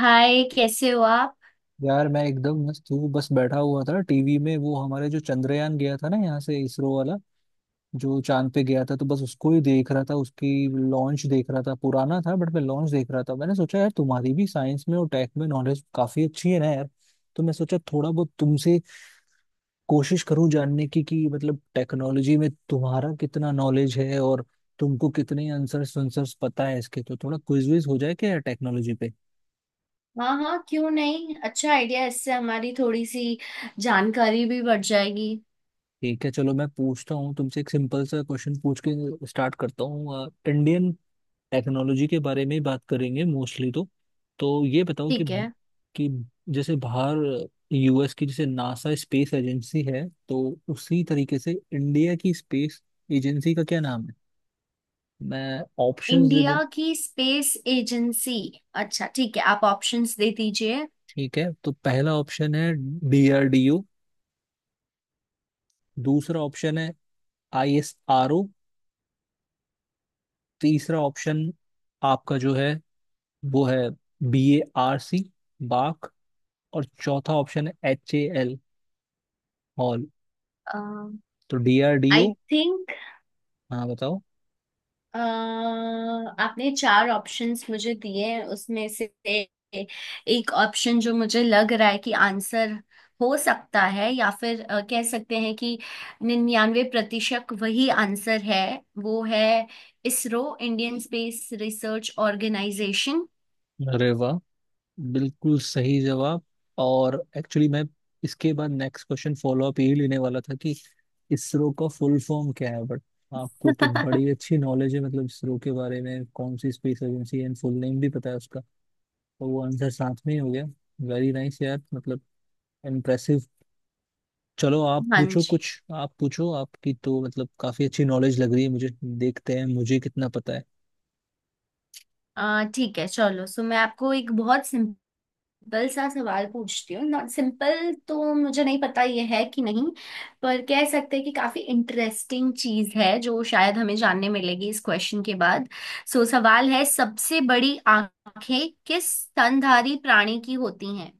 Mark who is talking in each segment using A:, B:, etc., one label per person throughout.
A: हाय, कैसे हो आप?
B: यार मैं एकदम मस्त हूँ। बस बैठा हुआ था टीवी में, वो हमारे जो चंद्रयान गया था ना यहाँ से, इसरो वाला जो चांद पे गया था, तो बस उसको ही देख रहा था। उसकी लॉन्च देख रहा था, पुराना था बट मैं लॉन्च देख रहा था। मैंने सोचा यार तुम्हारी भी साइंस में और टेक में नॉलेज काफी अच्छी है ना यार, तो मैं सोचा थोड़ा बहुत तुमसे कोशिश करूँ जानने की कि मतलब टेक्नोलॉजी में तुम्हारा कितना नॉलेज है और तुमको कितने आंसर्स आंसर्स पता है इसके, तो थोड़ा क्विज विज हो जाए क्या यार टेक्नोलॉजी पे।
A: हाँ हाँ, क्यों नहीं। अच्छा आइडिया। इससे हमारी थोड़ी सी जानकारी भी बढ़ जाएगी।
B: ठीक है चलो मैं पूछता हूँ तुमसे। एक सिंपल सा क्वेश्चन पूछ के स्टार्ट करता हूँ। इंडियन टेक्नोलॉजी के बारे में ही बात करेंगे मोस्टली, तो ये बताओ कि
A: ठीक है।
B: कि जैसे बाहर यूएस की जैसे नासा स्पेस एजेंसी है, तो उसी तरीके से इंडिया की स्पेस एजेंसी का क्या नाम है। मैं ऑप्शंस दे दे।
A: इंडिया की स्पेस एजेंसी। अच्छा, ठीक है, आप ऑप्शंस दे दीजिए।
B: ठीक है तो पहला ऑप्शन है डीआरडीओ। दूसरा ऑप्शन है आईएसआरओ। तीसरा ऑप्शन आपका जो है वो है बी ए आर सी, बाक। और चौथा ऑप्शन है एच ए एल, हॉल। तो D R D
A: I
B: O.
A: Think.
B: हाँ बताओ।
A: अ, आपने चार ऑप्शंस मुझे दिए हैं, उसमें से एक ऑप्शन जो मुझे लग रहा है कि आंसर हो सकता है, या फिर कह सकते हैं कि 99% वही आंसर है। वो है ISRO, Indian space research organisation.
B: अरे वाह, बिल्कुल सही जवाब। और एक्चुअली मैं इसके बाद नेक्स्ट क्वेश्चन फॉलो अप यही लेने वाला था कि इसरो का फुल फॉर्म क्या है, बट आपको तो बड़ी अच्छी नॉलेज है मतलब इसरो के बारे में कौन सी स्पेस एजेंसी है एंड फुल नेम भी पता है उसका, तो वो आंसर साथ में ही हो गया। वेरी नाइस यार, मतलब इम्प्रेसिव। चलो आप
A: हाँ
B: पूछो
A: जी।
B: कुछ। आप पूछो, आपकी तो मतलब काफी अच्छी नॉलेज लग रही है मुझे। देखते हैं मुझे कितना पता है।
A: ठीक है, चलो। सो मैं आपको एक बहुत सिंपल सा सवाल पूछती हूँ। नॉट सिंपल, तो मुझे नहीं पता ये है कि नहीं, पर कह सकते हैं कि काफी इंटरेस्टिंग चीज है जो शायद हमें जानने मिलेगी इस क्वेश्चन के बाद। सो सवाल है, सबसे बड़ी आंखें किस स्तनधारी प्राणी की होती हैं?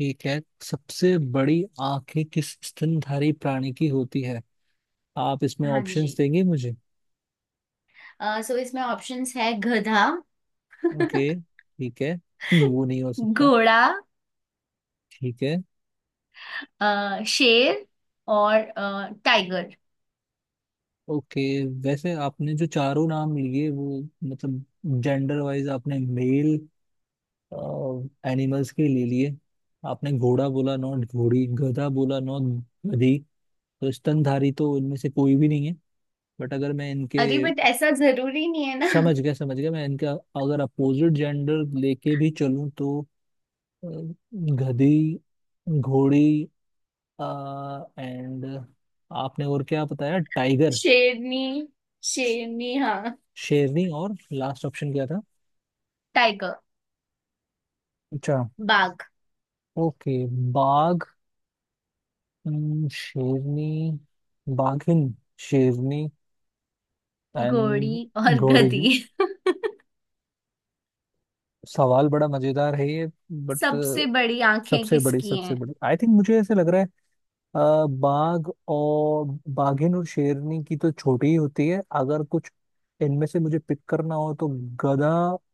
B: ठीक है, सबसे बड़ी आंखें किस स्तनधारी प्राणी की होती है, आप इसमें
A: हाँ
B: ऑप्शंस
A: जी।
B: देंगे मुझे।
A: सो इसमें ऑप्शंस है, गधा,
B: ओके ठीक है, वो नहीं हो सकता।
A: घोड़ा,
B: ठीक है।
A: शेर, और टाइगर।
B: ओके। वैसे आपने जो चारों नाम लिए वो मतलब जेंडर वाइज आपने मेल एनिमल्स के ले लिए। आपने घोड़ा बोला नॉट घोड़ी, गधा बोला नॉट गधी, तो स्तनधारी तो इनमें से कोई भी नहीं है। बट अगर मैं इनके,
A: अरे, बट ऐसा जरूरी नहीं है ना।
B: समझ गया समझ गया, मैं इनका अगर अपोजिट जेंडर लेके भी चलूं तो अ, गधी, घोड़ी, एंड आपने और क्या बताया, टाइगर।
A: शेरनी।
B: श-
A: शेरनी, हाँ।
B: शेरनी। और लास्ट ऑप्शन क्या था।
A: टाइगर।
B: अच्छा।
A: बाघ।
B: ओके, बाघ। शेरनी, बाघिन, शेरनी,
A: घोड़ी
B: एंड
A: और
B: घोड़ी।
A: गधी।
B: सवाल बड़ा मजेदार है ये बट,
A: सबसे बड़ी आंखें
B: सबसे बड़ी
A: किसकी
B: सबसे
A: हैं?
B: बड़ी आई थिंक मुझे ऐसे लग रहा है, बाघ और बाघिन और शेरनी की तो छोटी ही होती है। अगर कुछ इनमें से मुझे पिक करना हो तो गधा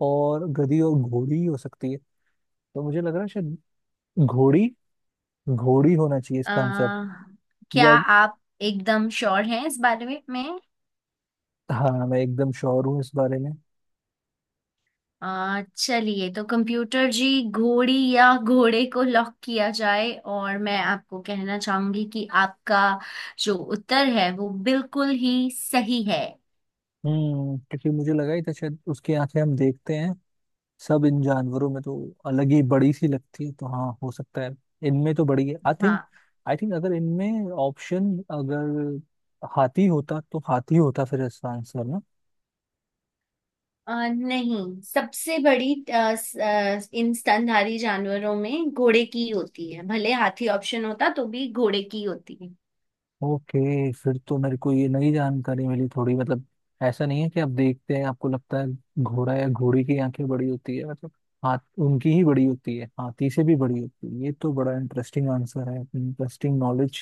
B: और गधी और घोड़ी ही हो सकती है। तो मुझे लग रहा है शायद घोड़ी, घोड़ी होना चाहिए
A: अ,
B: इसका आंसर।
A: क्या
B: या
A: आप एकदम श्योर हैं इस बारे में?
B: हाँ, मैं एकदम श्योर हूँ इस बारे में।
A: चलिए, तो कंप्यूटर जी, घोड़ी या घोड़े को लॉक किया जाए। और मैं आपको कहना चाहूंगी कि आपका जो उत्तर है वो बिल्कुल ही सही है।
B: हम्म, क्योंकि मुझे लगा ही था शायद उसकी आंखें हम देखते हैं सब इन जानवरों में तो अलग ही बड़ी सी लगती है, तो हाँ हो सकता है इनमें तो बड़ी है आई थिंक।
A: हाँ।
B: आई थिंक अगर इनमें ऑप्शन अगर हाथी होता तो हाथी होता फिर इसका आंसर ना।
A: नहीं, सबसे बड़ी इन स्तनधारी जानवरों में घोड़े की होती है, भले हाथी ऑप्शन होता तो भी घोड़े की होती है।
B: ओके, फिर तो मेरे को ये नई जानकारी मिली थोड़ी, मतलब ऐसा नहीं है कि आप देखते हैं आपको लगता है घोड़ा या घोड़ी की आंखें बड़ी होती है मतलब, हाथ, उनकी ही बड़ी होती है, हाथी से भी बड़ी होती है। ये तो बड़ा इंटरेस्टिंग आंसर है, इंटरेस्टिंग नॉलेज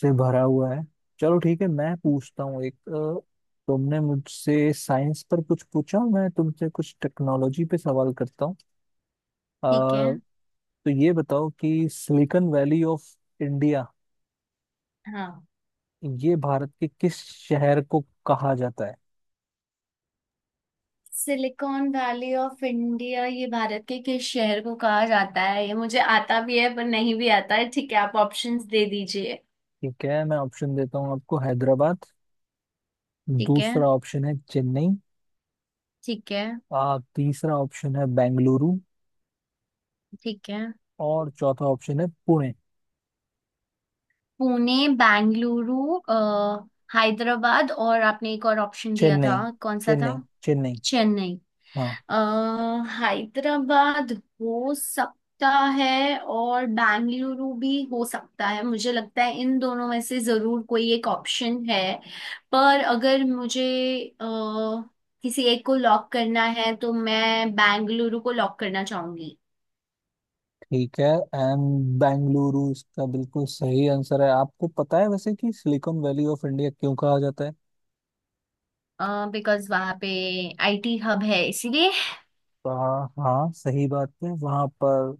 B: से भरा हुआ है। चलो ठीक है मैं पूछता हूँ एक, तुमने मुझसे साइंस पर कुछ पूछा, मैं तुमसे कुछ टेक्नोलॉजी पे सवाल करता हूँ। अ,
A: ठीक है।
B: तो ये बताओ कि सिलिकॉन वैली ऑफ इंडिया
A: हाँ।
B: ये भारत के किस शहर को कहा जाता है।
A: सिलिकॉन वैली ऑफ इंडिया ये भारत के किस शहर को कहा जाता है, ये मुझे आता भी है पर नहीं भी आता है। ठीक है, आप ऑप्शंस दे दीजिए।
B: ठीक है मैं ऑप्शन देता हूँ आपको, हैदराबाद।
A: ठीक है।
B: दूसरा ऑप्शन है चेन्नई।
A: ठीक है।
B: तीसरा ऑप्शन है बेंगलुरु।
A: ठीक है।
B: और चौथा ऑप्शन है पुणे।
A: पुणे, बेंगलुरु, अ, हैदराबाद, और आपने एक और ऑप्शन दिया था,
B: चेन्नई,
A: कौन सा था?
B: चेन्नई, चेन्नई।
A: चेन्नई।
B: हाँ।
A: अ, हैदराबाद हो सकता है, और बेंगलुरु भी हो सकता है। मुझे लगता है इन दोनों में से जरूर कोई एक ऑप्शन है। पर अगर मुझे अ, किसी एक को लॉक करना है, तो मैं बेंगलुरु को लॉक करना चाहूंगी।
B: ठीक है एंड बेंगलुरु इसका बिल्कुल सही आंसर है। आपको पता है वैसे कि सिलिकॉन वैली ऑफ इंडिया क्यों कहा जाता है।
A: बिकॉज वहां पे IT हब है, इसीलिए।
B: हाँ हाँ सही बात है, वहां पर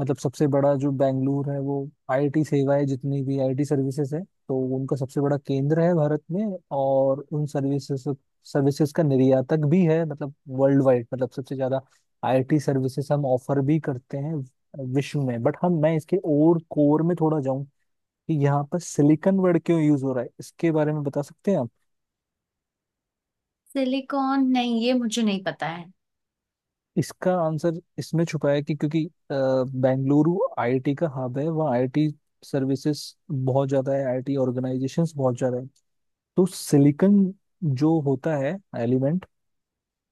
B: मतलब सबसे बड़ा जो बेंगलुरु है, वो आईटी सेवाएं जितनी भी आईटी सर्विसेज है तो उनका सबसे बड़ा केंद्र है भारत में, और उन सर्विसेज सर्विसेज का निर्यातक भी है मतलब वर्ल्ड वाइड, मतलब सबसे ज्यादा आईटी सर्विसेज हम ऑफर भी करते हैं विश्व में। बट हम, मैं इसके और कोर में थोड़ा जाऊं कि यहाँ पर सिलिकॉन वर्ड क्यों यूज हो रहा है इसके बारे में बता सकते हैं आप।
A: सिलिकॉन, नहीं, ये मुझे नहीं पता है।
B: इसका आंसर इसमें छुपा है कि क्योंकि बेंगलुरु आईआईटी का हब है, वहाँ आईआईटी सर्विसेज बहुत ज्यादा है, आईआईटी ऑर्गेनाइजेशंस बहुत ज्यादा है। तो सिलिकॉन जो होता है एलिमेंट,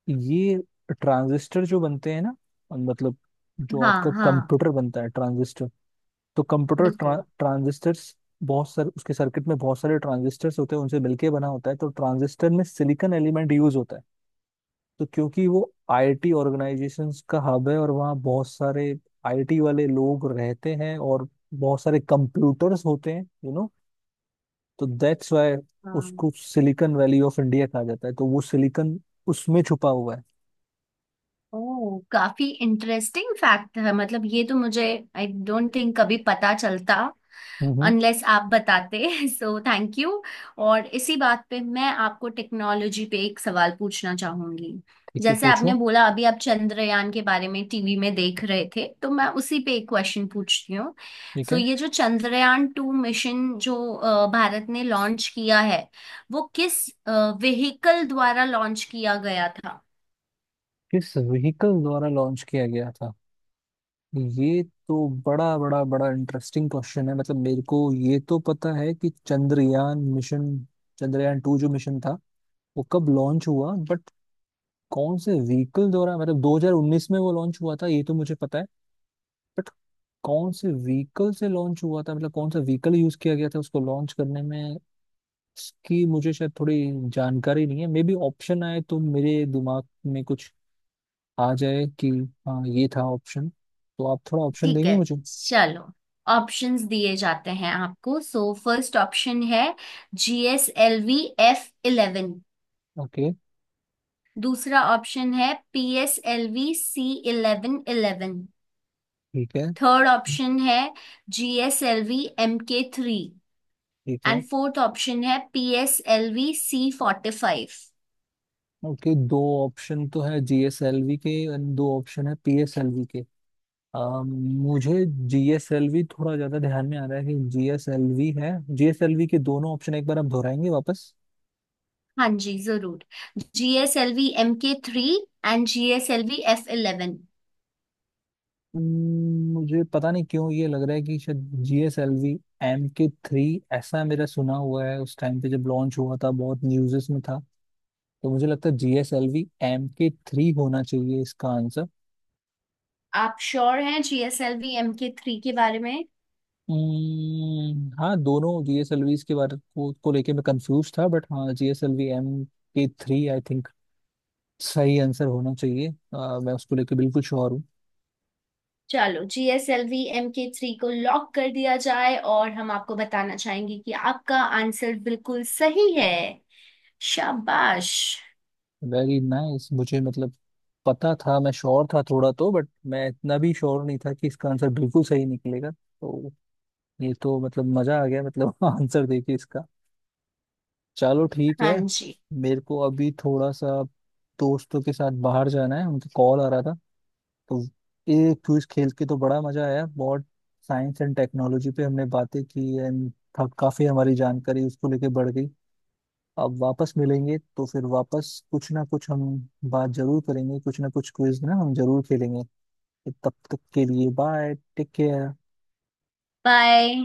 B: ये ट्रांजिस्टर जो बनते हैं ना मतलब जो
A: हाँ
B: आपका
A: हाँ।
B: कंप्यूटर बनता है, ट्रांजिस्टर। तो कंप्यूटर,
A: बिल्कुल।
B: ट्रांजिस्टर्स बहुत सारे उसके सर्किट में, बहुत सारे ट्रांजिस्टर्स होते हैं उनसे मिलके बना होता है, तो ट्रांजिस्टर में सिलिकॉन एलिमेंट यूज होता है। तो क्योंकि वो आईटी ऑर्गेनाइजेशंस का हब है और वहाँ बहुत सारे आईटी वाले लोग रहते हैं और बहुत सारे कंप्यूटर्स होते हैं। तो दैट्स वाई उसको सिलिकॉन वैली ऑफ इंडिया कहा जाता है, तो वो सिलिकॉन उसमें छुपा हुआ है।
A: ओह, काफी इंटरेस्टिंग फैक्ट है, मतलब ये तो मुझे, आई डोंट थिंक, कभी पता चलता
B: हम्म।
A: अनलेस आप बताते। सो थैंक यू। और इसी बात पे मैं आपको टेक्नोलॉजी पे एक सवाल पूछना चाहूंगी।
B: ठीक है
A: जैसे आपने
B: पूछो।
A: बोला अभी आप चंद्रयान के बारे में टीवी में देख रहे थे, तो मैं उसी पे एक क्वेश्चन पूछती हूँ।
B: ठीक
A: सो
B: है,
A: ये जो चंद्रयान 2 मिशन जो भारत ने लॉन्च किया है, वो किस व्हीकल द्वारा लॉन्च किया गया था?
B: किस व्हीकल द्वारा लॉन्च किया गया था ये, तो बड़ा बड़ा बड़ा इंटरेस्टिंग क्वेश्चन है, मतलब मेरे को ये तो पता है कि चंद्रयान मिशन, चंद्रयान टू जो मिशन था वो कब लॉन्च हुआ बट कौन से व्हीकल द्वारा। मतलब 2019 में वो लॉन्च हुआ था ये तो मुझे पता है, बट कौन से व्हीकल से लॉन्च हुआ था मतलब कौन सा व्हीकल यूज किया गया था उसको लॉन्च करने में, इसकी मुझे शायद थोड़ी जानकारी नहीं है। मे बी ऑप्शन आए तो मेरे दिमाग में कुछ आ जाए कि हाँ ये था ऑप्शन, तो आप थोड़ा ऑप्शन
A: ठीक
B: देंगे
A: है,
B: मुझे।
A: चलो। ऑप्शंस दिए जाते हैं आपको। सो फर्स्ट ऑप्शन है GSLV F11।
B: ओके।
A: दूसरा ऑप्शन है P S L V C eleven eleven.
B: ठीक है।
A: थर्ड ऑप्शन है GSLV Mk III।
B: ठीक है।
A: एंड फोर्थ ऑप्शन है PSLV C45।
B: ओके, दो ऑप्शन तो है जीएसएलवी के एंड दो ऑप्शन है पीएसएलवी के। मुझे जीएसएलवी थोड़ा ज्यादा ध्यान में आ रहा है कि जीएसएलवी है। जीएसएलवी के दोनों ऑप्शन एक बार आप दोहराएंगे वापस।
A: हाँ जी, जरूर। GSLV Mk III and GSLV F11।
B: मुझे पता नहीं क्यों ये लग रहा है कि शायद जीएसएलवी एम के थ्री, ऐसा मेरा सुना हुआ है उस टाइम पे जब लॉन्च हुआ था बहुत न्यूज़ेस में था। तो मुझे लगता है G S L V M K three होना चाहिए इसका आंसर।
A: आप श्योर हैं GSLV Mk III के बारे में?
B: हाँ, दोनों जी एस एल वी के बारे को लेके मैं कंफ्यूज था, बट हाँ G S L V M K three I think सही आंसर होना चाहिए। मैं उसको लेके बिल्कुल श्योर हूँ।
A: चलो, GSLV Mk III को लॉक कर दिया जाए। और हम आपको बताना चाहेंगे कि आपका आंसर बिल्कुल सही है। शाबाश।
B: वेरी नाइस, मुझे मतलब पता था, मैं श्योर था थोड़ा तो, बट मैं इतना भी श्योर नहीं था कि इसका आंसर बिल्कुल सही निकलेगा, तो ये तो मतलब मजा आ गया मतलब आंसर देखिए इसका। चलो ठीक
A: हाँ
B: है।
A: जी।
B: मेरे को अभी थोड़ा सा दोस्तों के साथ बाहर जाना है, उनके कॉल आ रहा था। तो ये क्विज खेल के तो बड़ा मजा आया, बहुत साइंस एंड टेक्नोलॉजी पे हमने बातें की एंड काफी हमारी जानकारी उसको लेके बढ़ गई। अब वापस मिलेंगे तो फिर वापस कुछ ना कुछ हम बात जरूर करेंगे, कुछ ना कुछ क्विज ना हम जरूर खेलेंगे। तो तब तक के लिए बाय, टेक केयर।
A: बाय।